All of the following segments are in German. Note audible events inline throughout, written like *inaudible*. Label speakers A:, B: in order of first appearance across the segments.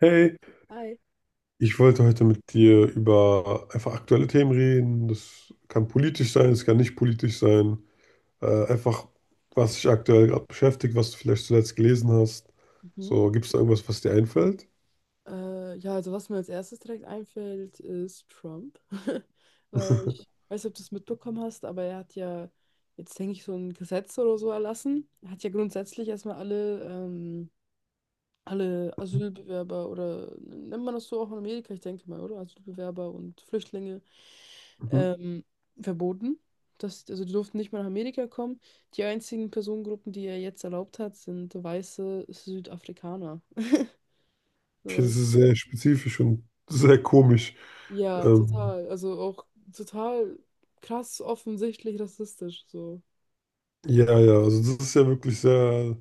A: Hey,
B: Hi.
A: ich wollte heute mit dir über einfach aktuelle Themen reden. Das kann politisch sein, es kann nicht politisch sein. Äh, einfach, Was dich aktuell gerade beschäftigt, was du vielleicht zuletzt gelesen hast.
B: Mhm.
A: So, gibt es da irgendwas, was dir einfällt?
B: Ja, also was mir als erstes direkt einfällt, ist Trump. *laughs* Weil ich
A: *laughs*
B: weiß nicht, ob du es mitbekommen hast, aber er hat ja jetzt, denke ich, so ein Gesetz oder so erlassen. Er hat ja grundsätzlich erstmal alle, alle Asylbewerber, oder nennt man das so auch in Amerika, ich denke mal, oder? Asylbewerber und Flüchtlinge
A: Mhm.
B: ähm, verboten. Also die durften nicht mehr nach Amerika kommen. Die einzigen Personengruppen, die er jetzt erlaubt hat, sind weiße Südafrikaner.
A: Okay, das
B: *laughs*
A: ist sehr spezifisch und sehr komisch.
B: Ja,
A: Ähm,
B: total. Also auch total krass offensichtlich rassistisch, so.
A: ja, also das ist ja wirklich sehr.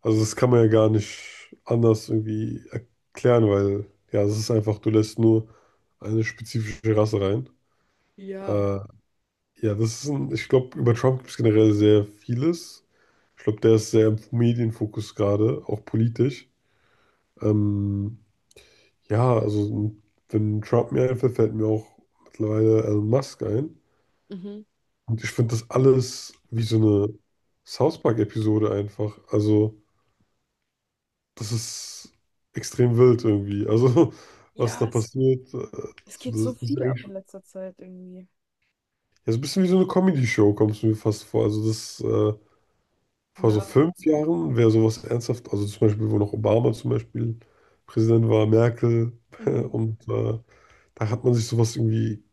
A: Also das kann man ja gar nicht anders irgendwie erklären, weil ja, das ist einfach, du lässt nur eine spezifische Rasse rein.
B: Ja.
A: Äh, ja, das ist ein, ich glaube, über Trump gibt es generell sehr vieles. Ich glaube, der ist sehr im Medienfokus gerade, auch politisch. Ähm, ja, also wenn Trump mir einfällt, fällt mir auch mittlerweile Elon Musk ein.
B: Mhm.
A: Und ich finde das alles wie so eine South Park-Episode einfach. Also das ist extrem wild irgendwie. Also, *laughs* was
B: Ja,
A: da
B: es,
A: passiert,
B: Es geht
A: also
B: so
A: das ist
B: viel ab in
A: eigentlich,
B: letzter Zeit irgendwie.
A: ja, so ein bisschen wie so eine Comedy-Show, kommst du mir fast vor. Also, das vor so
B: Ja.
A: 5 Jahren wäre sowas ernsthaft, also zum Beispiel, wo noch Obama zum Beispiel Präsident war, Merkel, *laughs*
B: Mhm.
A: und äh, da hat man sich sowas irgendwie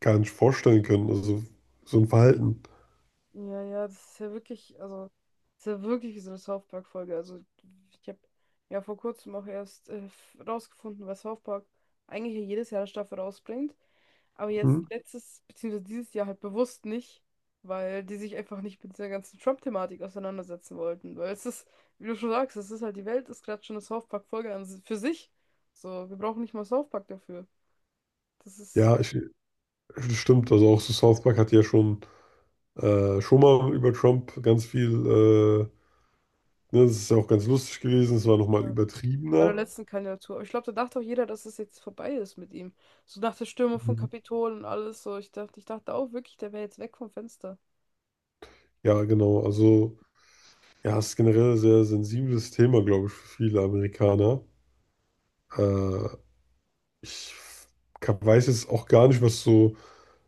A: gar nicht vorstellen können. Also, so ein Verhalten.
B: Ja, ja, das ist ja wirklich, also, das ist ja wirklich wie so eine South Park-Folge. Also, ich habe ja vor kurzem auch erst rausgefunden, was South Park eigentlich ja jedes Jahr eine Staffel rausbringt. Aber
A: Hm?
B: jetzt letztes, beziehungsweise dieses Jahr halt bewusst nicht, weil die sich einfach nicht mit dieser ganzen Trump-Thematik auseinandersetzen wollten. Weil es ist, wie du schon sagst, es ist halt, die Welt ist gerade schon eine South für sich. So, wir brauchen nicht mal South Park dafür. Das ist
A: Ja, ich, das stimmt. Also, auch so South Park hat ja schon. Schon mal über Trump ganz viel. Ne, das ist ja auch ganz lustig gewesen. Es war nochmal
B: ja, bei der
A: übertriebener.
B: letzten Kandidatur. Aber ich glaube, da dachte auch jeder, dass es jetzt vorbei ist mit ihm. So nach der Stürmung von
A: Mhm.
B: Kapitol und alles so. Ich dachte auch wirklich, der wäre jetzt weg vom Fenster.
A: Ja, genau. Also, ja, es ist generell ein sehr sensibles Thema, glaube ich, für viele Amerikaner. Äh, ich weiß jetzt auch gar nicht, was so.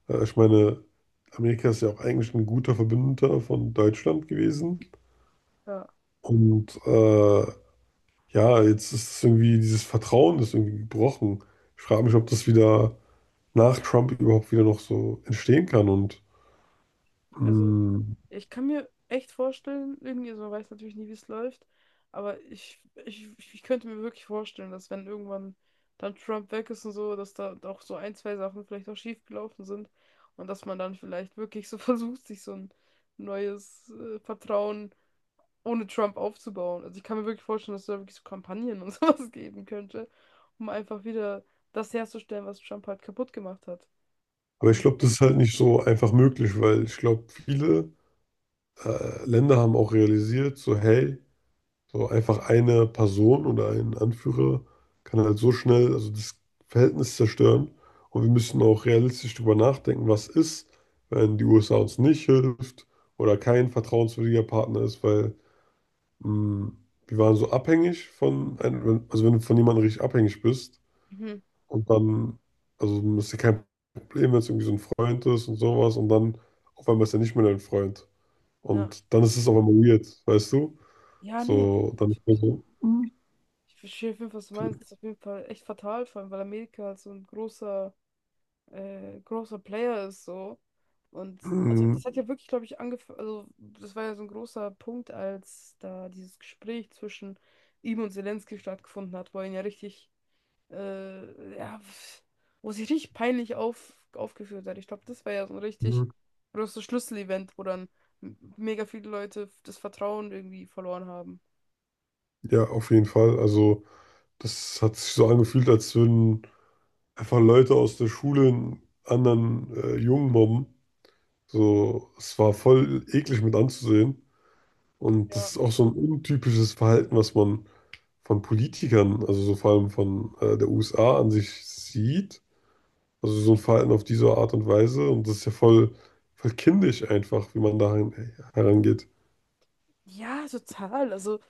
A: Ich meine, Amerika ist ja auch eigentlich ein guter Verbündeter von Deutschland gewesen.
B: Ja.
A: Und äh, ja, jetzt ist es irgendwie, dieses Vertrauen ist irgendwie gebrochen. Ich frage mich, ob das wieder nach Trump überhaupt wieder noch so entstehen kann. Und.
B: Also,
A: Mh,
B: ich kann mir echt vorstellen, irgendwie, also man weiß natürlich nie, wie es läuft, aber ich könnte mir wirklich vorstellen, dass, wenn irgendwann dann Trump weg ist und so, dass da auch so ein, zwei Sachen vielleicht auch schief gelaufen sind und dass man dann vielleicht wirklich so *laughs* versucht, sich so ein neues Vertrauen ohne Trump aufzubauen. Also ich kann mir wirklich vorstellen, dass es da wirklich so Kampagnen und *laughs* sowas geben könnte, um einfach wieder das herzustellen, was Trump halt kaputt gemacht hat.
A: aber ich
B: Dieses-
A: glaube, das ist halt nicht so einfach möglich, weil ich glaube, viele Länder haben auch realisiert, so hey, so einfach eine Person oder ein Anführer kann halt so schnell, also das Verhältnis zerstören. Und wir müssen auch realistisch darüber nachdenken, was ist, wenn die USA uns nicht hilft oder kein vertrauenswürdiger Partner ist, weil mh, wir waren so abhängig von einem, also wenn du von jemandem richtig abhängig bist,
B: Mhm.
A: und dann, also dann ist ja kein Problem, wenn es irgendwie so ein Freund ist und sowas. Und dann auf einmal ist er nicht mehr dein Freund.
B: Ja.
A: Und dann ist es auf einmal weird, weißt du?
B: Ja, nee.
A: So, dann ist man so,
B: Ich verstehe auf jeden Fall, was du meinst. Das ist auf jeden Fall echt fatal, vor allem weil Amerika halt so ein großer Player ist, so. Und also
A: mhm.
B: das hat ja wirklich, glaube ich, angefangen, also das war ja so ein großer Punkt, als da dieses Gespräch zwischen ihm und Zelensky stattgefunden hat, wo er ihn ja äh, ja, pf- wo sich richtig peinlich aufgeführt hat. Ich glaube, das war ja so ein richtig großes Schlüsselevent, wo dann mega viele Leute das Vertrauen irgendwie verloren haben.
A: Ja, auf jeden Fall. Also, das hat sich so angefühlt, als würden einfach Leute aus der Schule einen anderen Jungen mobben. So, es war voll eklig mit anzusehen. Und das
B: Ja.
A: ist auch so ein untypisches Verhalten, was man von Politikern, also so vor allem von der USA an sich sieht. Also so ein Verhalten auf diese Art und Weise. Und das ist ja voll kindisch einfach, wie man da herangeht.
B: Ja, total. Also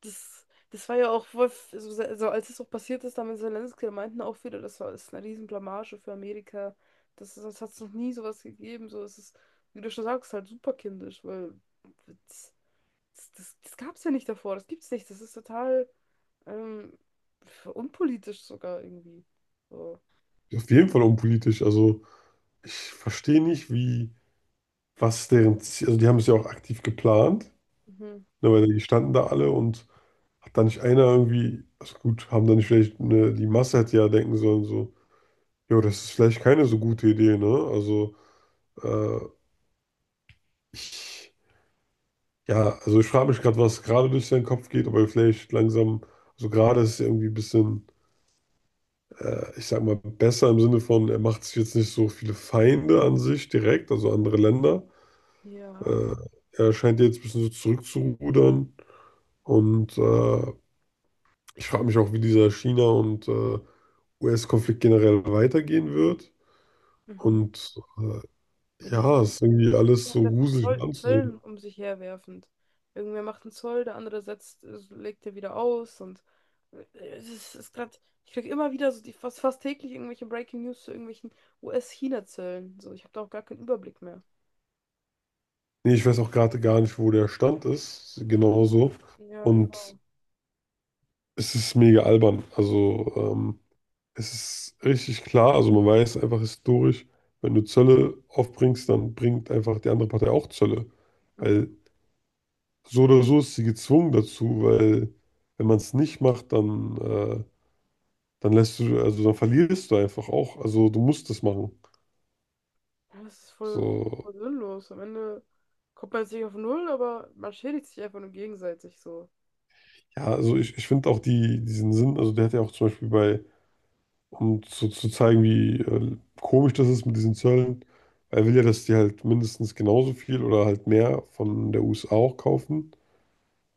B: das, das war ja auch voll, f- so, se- so als es auch passiert ist, da mit Zelensky, da meinten auch viele, das war, ist eine Riesenblamage für Amerika. Das hat es noch nie sowas gegeben. So, es ist, wie du schon sagst, halt super kindisch, weil das, das gab es ja nicht davor, das gibt's nicht. Das ist total ähm, unpolitisch sogar irgendwie. So.
A: Auf jeden Fall unpolitisch. Also ich verstehe nicht, wie, was deren Ziel, also die haben es ja auch aktiv geplant,
B: Mhm.
A: ne, weil die standen da alle und hat da nicht einer irgendwie, also gut, haben da nicht vielleicht, ne, die Masse hätte ja denken sollen, so, jo, das ist vielleicht keine so gute Idee, ne? Also äh, ich. Ja, also ich frage mich gerade, was gerade durch seinen Kopf geht, ob er vielleicht langsam, so also gerade ist er irgendwie ein bisschen, ich sag mal, besser im Sinne von, er macht sich jetzt nicht so viele Feinde an sich direkt, also andere Länder.
B: Ja.
A: Äh, er scheint jetzt ein bisschen so zurückzurudern und ich frage mich auch, wie dieser China- und US-Konflikt generell weitergehen wird.
B: Mhm.
A: Und äh,
B: Ja, die.
A: ja, es ist irgendwie
B: Ja,
A: alles so
B: das mit
A: gruselig
B: Zoll,
A: anzusehen.
B: Zöllen um sich herwerfend. Irgendwer macht einen Zoll, der andere legt er wieder aus und ist gerade, ich krieg immer wieder so die fast täglich irgendwelche Breaking News zu irgendwelchen US-China-Zöllen. So, ich habe da auch gar keinen Überblick mehr.
A: Nee, ich weiß auch gerade gar nicht, wo der Stand ist, genauso.
B: Ja,
A: Und
B: genau.
A: es ist mega albern. Also, es ist richtig klar, also man weiß einfach historisch, wenn du Zölle aufbringst, dann bringt einfach die andere Partei auch Zölle.
B: Mhm.
A: Weil so oder so ist sie gezwungen dazu, weil wenn man es nicht macht, dann lässt du, also dann verlierst du einfach auch. Also du musst es machen.
B: Ja, das ist
A: So,
B: voll sinnlos. Am Ende kommt man jetzt nicht auf Null, aber man schädigt sich einfach nur gegenseitig so.
A: ja, also ich finde auch diesen Sinn, also der hat ja auch zum Beispiel bei. Und so zu zeigen, wie komisch das ist mit diesen Zöllen. Er will ja, dass die halt mindestens genauso viel oder halt mehr von der USA auch kaufen.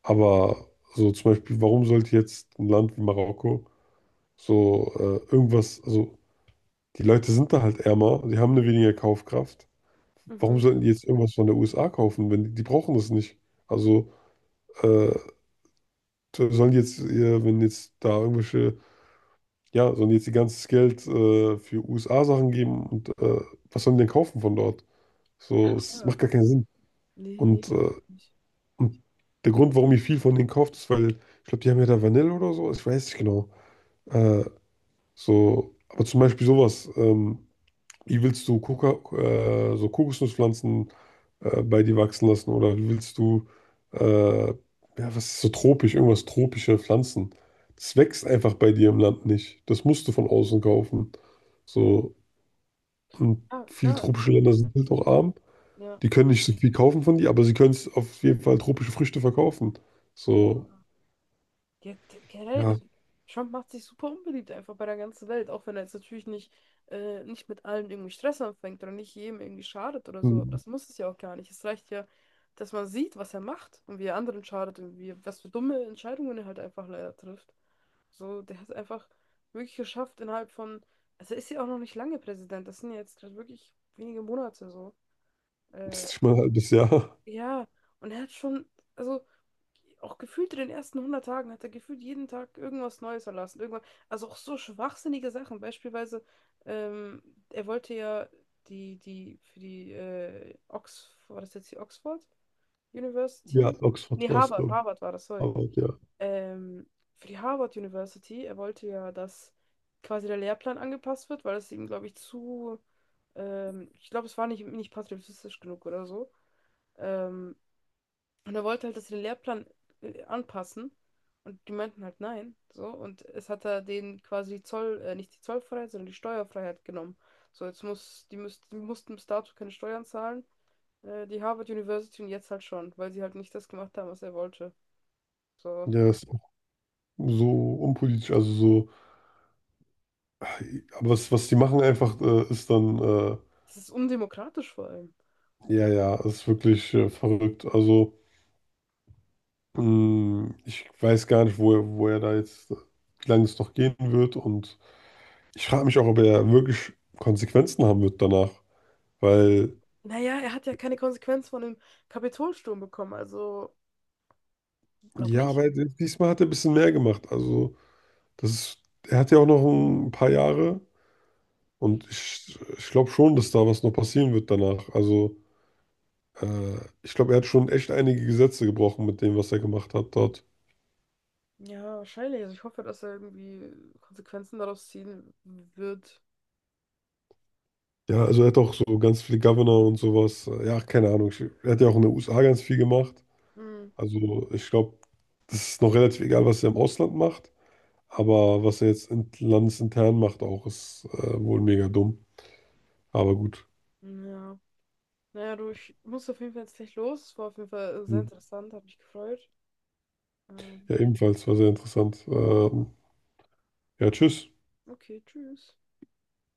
A: Aber so zum Beispiel, warum sollte jetzt ein Land wie Marokko irgendwas, also die Leute sind da halt ärmer, die haben eine weniger Kaufkraft. Warum
B: Mhm.
A: sollten die jetzt irgendwas von der USA kaufen, wenn die, die brauchen das nicht? Also äh, sollen die jetzt, wenn jetzt da irgendwelche. Ja, sollen die jetzt ihr ganzes Geld für USA-Sachen geben und was sollen die denn kaufen von dort? So, es
B: Klar.
A: macht gar keinen Sinn.
B: Nee, nee,
A: Und, äh,
B: überhaupt nicht.
A: und der Grund, warum ich viel von denen kauft, ist, weil ich glaube, die haben ja da Vanille oder so, ich weiß nicht genau. Äh, so, aber zum Beispiel sowas. Wie willst du so Kokosnusspflanzen bei dir wachsen lassen oder wie willst du, ja, was ist so tropisch, irgendwas tropische Pflanzen? Das wächst einfach bei dir im Land nicht. Das musst du von außen kaufen. So, und
B: Ah,
A: viele
B: klar.
A: tropische Länder sind halt auch arm.
B: Ja.
A: Die können nicht so viel kaufen von dir, aber sie können es auf jeden Fall tropische Früchte verkaufen. So,
B: Ja. Generell,
A: ja,
B: also Trump macht sich super unbeliebt einfach bei der ganzen Welt, auch wenn er jetzt natürlich nicht mit allen irgendwie Stress anfängt oder nicht jedem irgendwie schadet oder so. Aber
A: hm,
B: das muss es ja auch gar nicht. Es reicht ja, dass man sieht, was er macht und wie er anderen schadet und wie, was für dumme Entscheidungen er halt einfach leider trifft. So, der hat es einfach wirklich geschafft innerhalb von, also er ist ja auch noch nicht lange Präsident, das sind ja jetzt gerade wirklich wenige Monate so.
A: das ist
B: Äh,
A: nicht mal ein halbes Jahr.
B: ja, und er hat schon, also auch gefühlt in den ersten 100 Tagen hat er gefühlt jeden Tag irgendwas Neues erlassen. Irgendwas, also auch so schwachsinnige Sachen. Beispielsweise, ähm, er wollte ja für die Oxford, war das jetzt die Oxford
A: Ja,
B: University?
A: Oxford
B: Nee,
A: war es, glaube ich.
B: Harvard war das, sorry.
A: Aber ja,
B: Ähm, für die Harvard University, er wollte ja, dass quasi der Lehrplan angepasst wird, weil es ihm, glaube ich, ich glaube, es war nicht patriotistisch genug oder so. Ähm, und er wollte halt, dass sie den Lehrplan anpassen. Und die meinten halt nein. So. Und es hat er denen quasi nicht die Zollfreiheit, sondern die Steuerfreiheit genommen. So, jetzt die mussten bis dato keine Steuern zahlen. Die Harvard University, und jetzt halt schon, weil sie halt nicht das gemacht haben, was er wollte. So.
A: ja, ist auch so unpolitisch, also so. Aber was, was die machen einfach, ist dann.
B: Das ist undemokratisch vor allem.
A: Ja, ja, ist wirklich verrückt. Also, mh, ich weiß gar nicht, wo er da jetzt, wie lange es noch gehen wird. Und ich frage mich auch, ob er wirklich Konsequenzen haben wird danach.
B: Ja,
A: Weil,
B: naja, er hat ja keine Konsequenz von dem Kapitolsturm bekommen, also glaub
A: ja,
B: nicht.
A: aber diesmal hat er ein bisschen mehr gemacht. Also, das ist, er hat ja auch noch ein paar Jahre. Und ich glaube schon, dass da was noch passieren wird danach. Also, äh, ich glaube, er hat schon echt einige Gesetze gebrochen mit dem, was er gemacht hat dort.
B: Ja, wahrscheinlich. Also ich hoffe, dass er irgendwie Konsequenzen daraus ziehen wird.
A: Ja, also er hat auch so ganz viele Governor und sowas. Ja, keine Ahnung. Ich, er hat ja auch in den USA ganz viel gemacht.
B: Hm.
A: Also ich glaube, das ist noch relativ egal, was er im Ausland macht. Aber was er jetzt in, landesintern macht, auch ist wohl mega dumm. Aber gut.
B: Ja. Naja, du, ich muss auf jeden Fall jetzt gleich los. War auf jeden Fall sehr interessant, hat mich gefreut. Ähm,
A: Ja, ebenfalls war sehr interessant. Ja, tschüss.
B: okay, tschüss.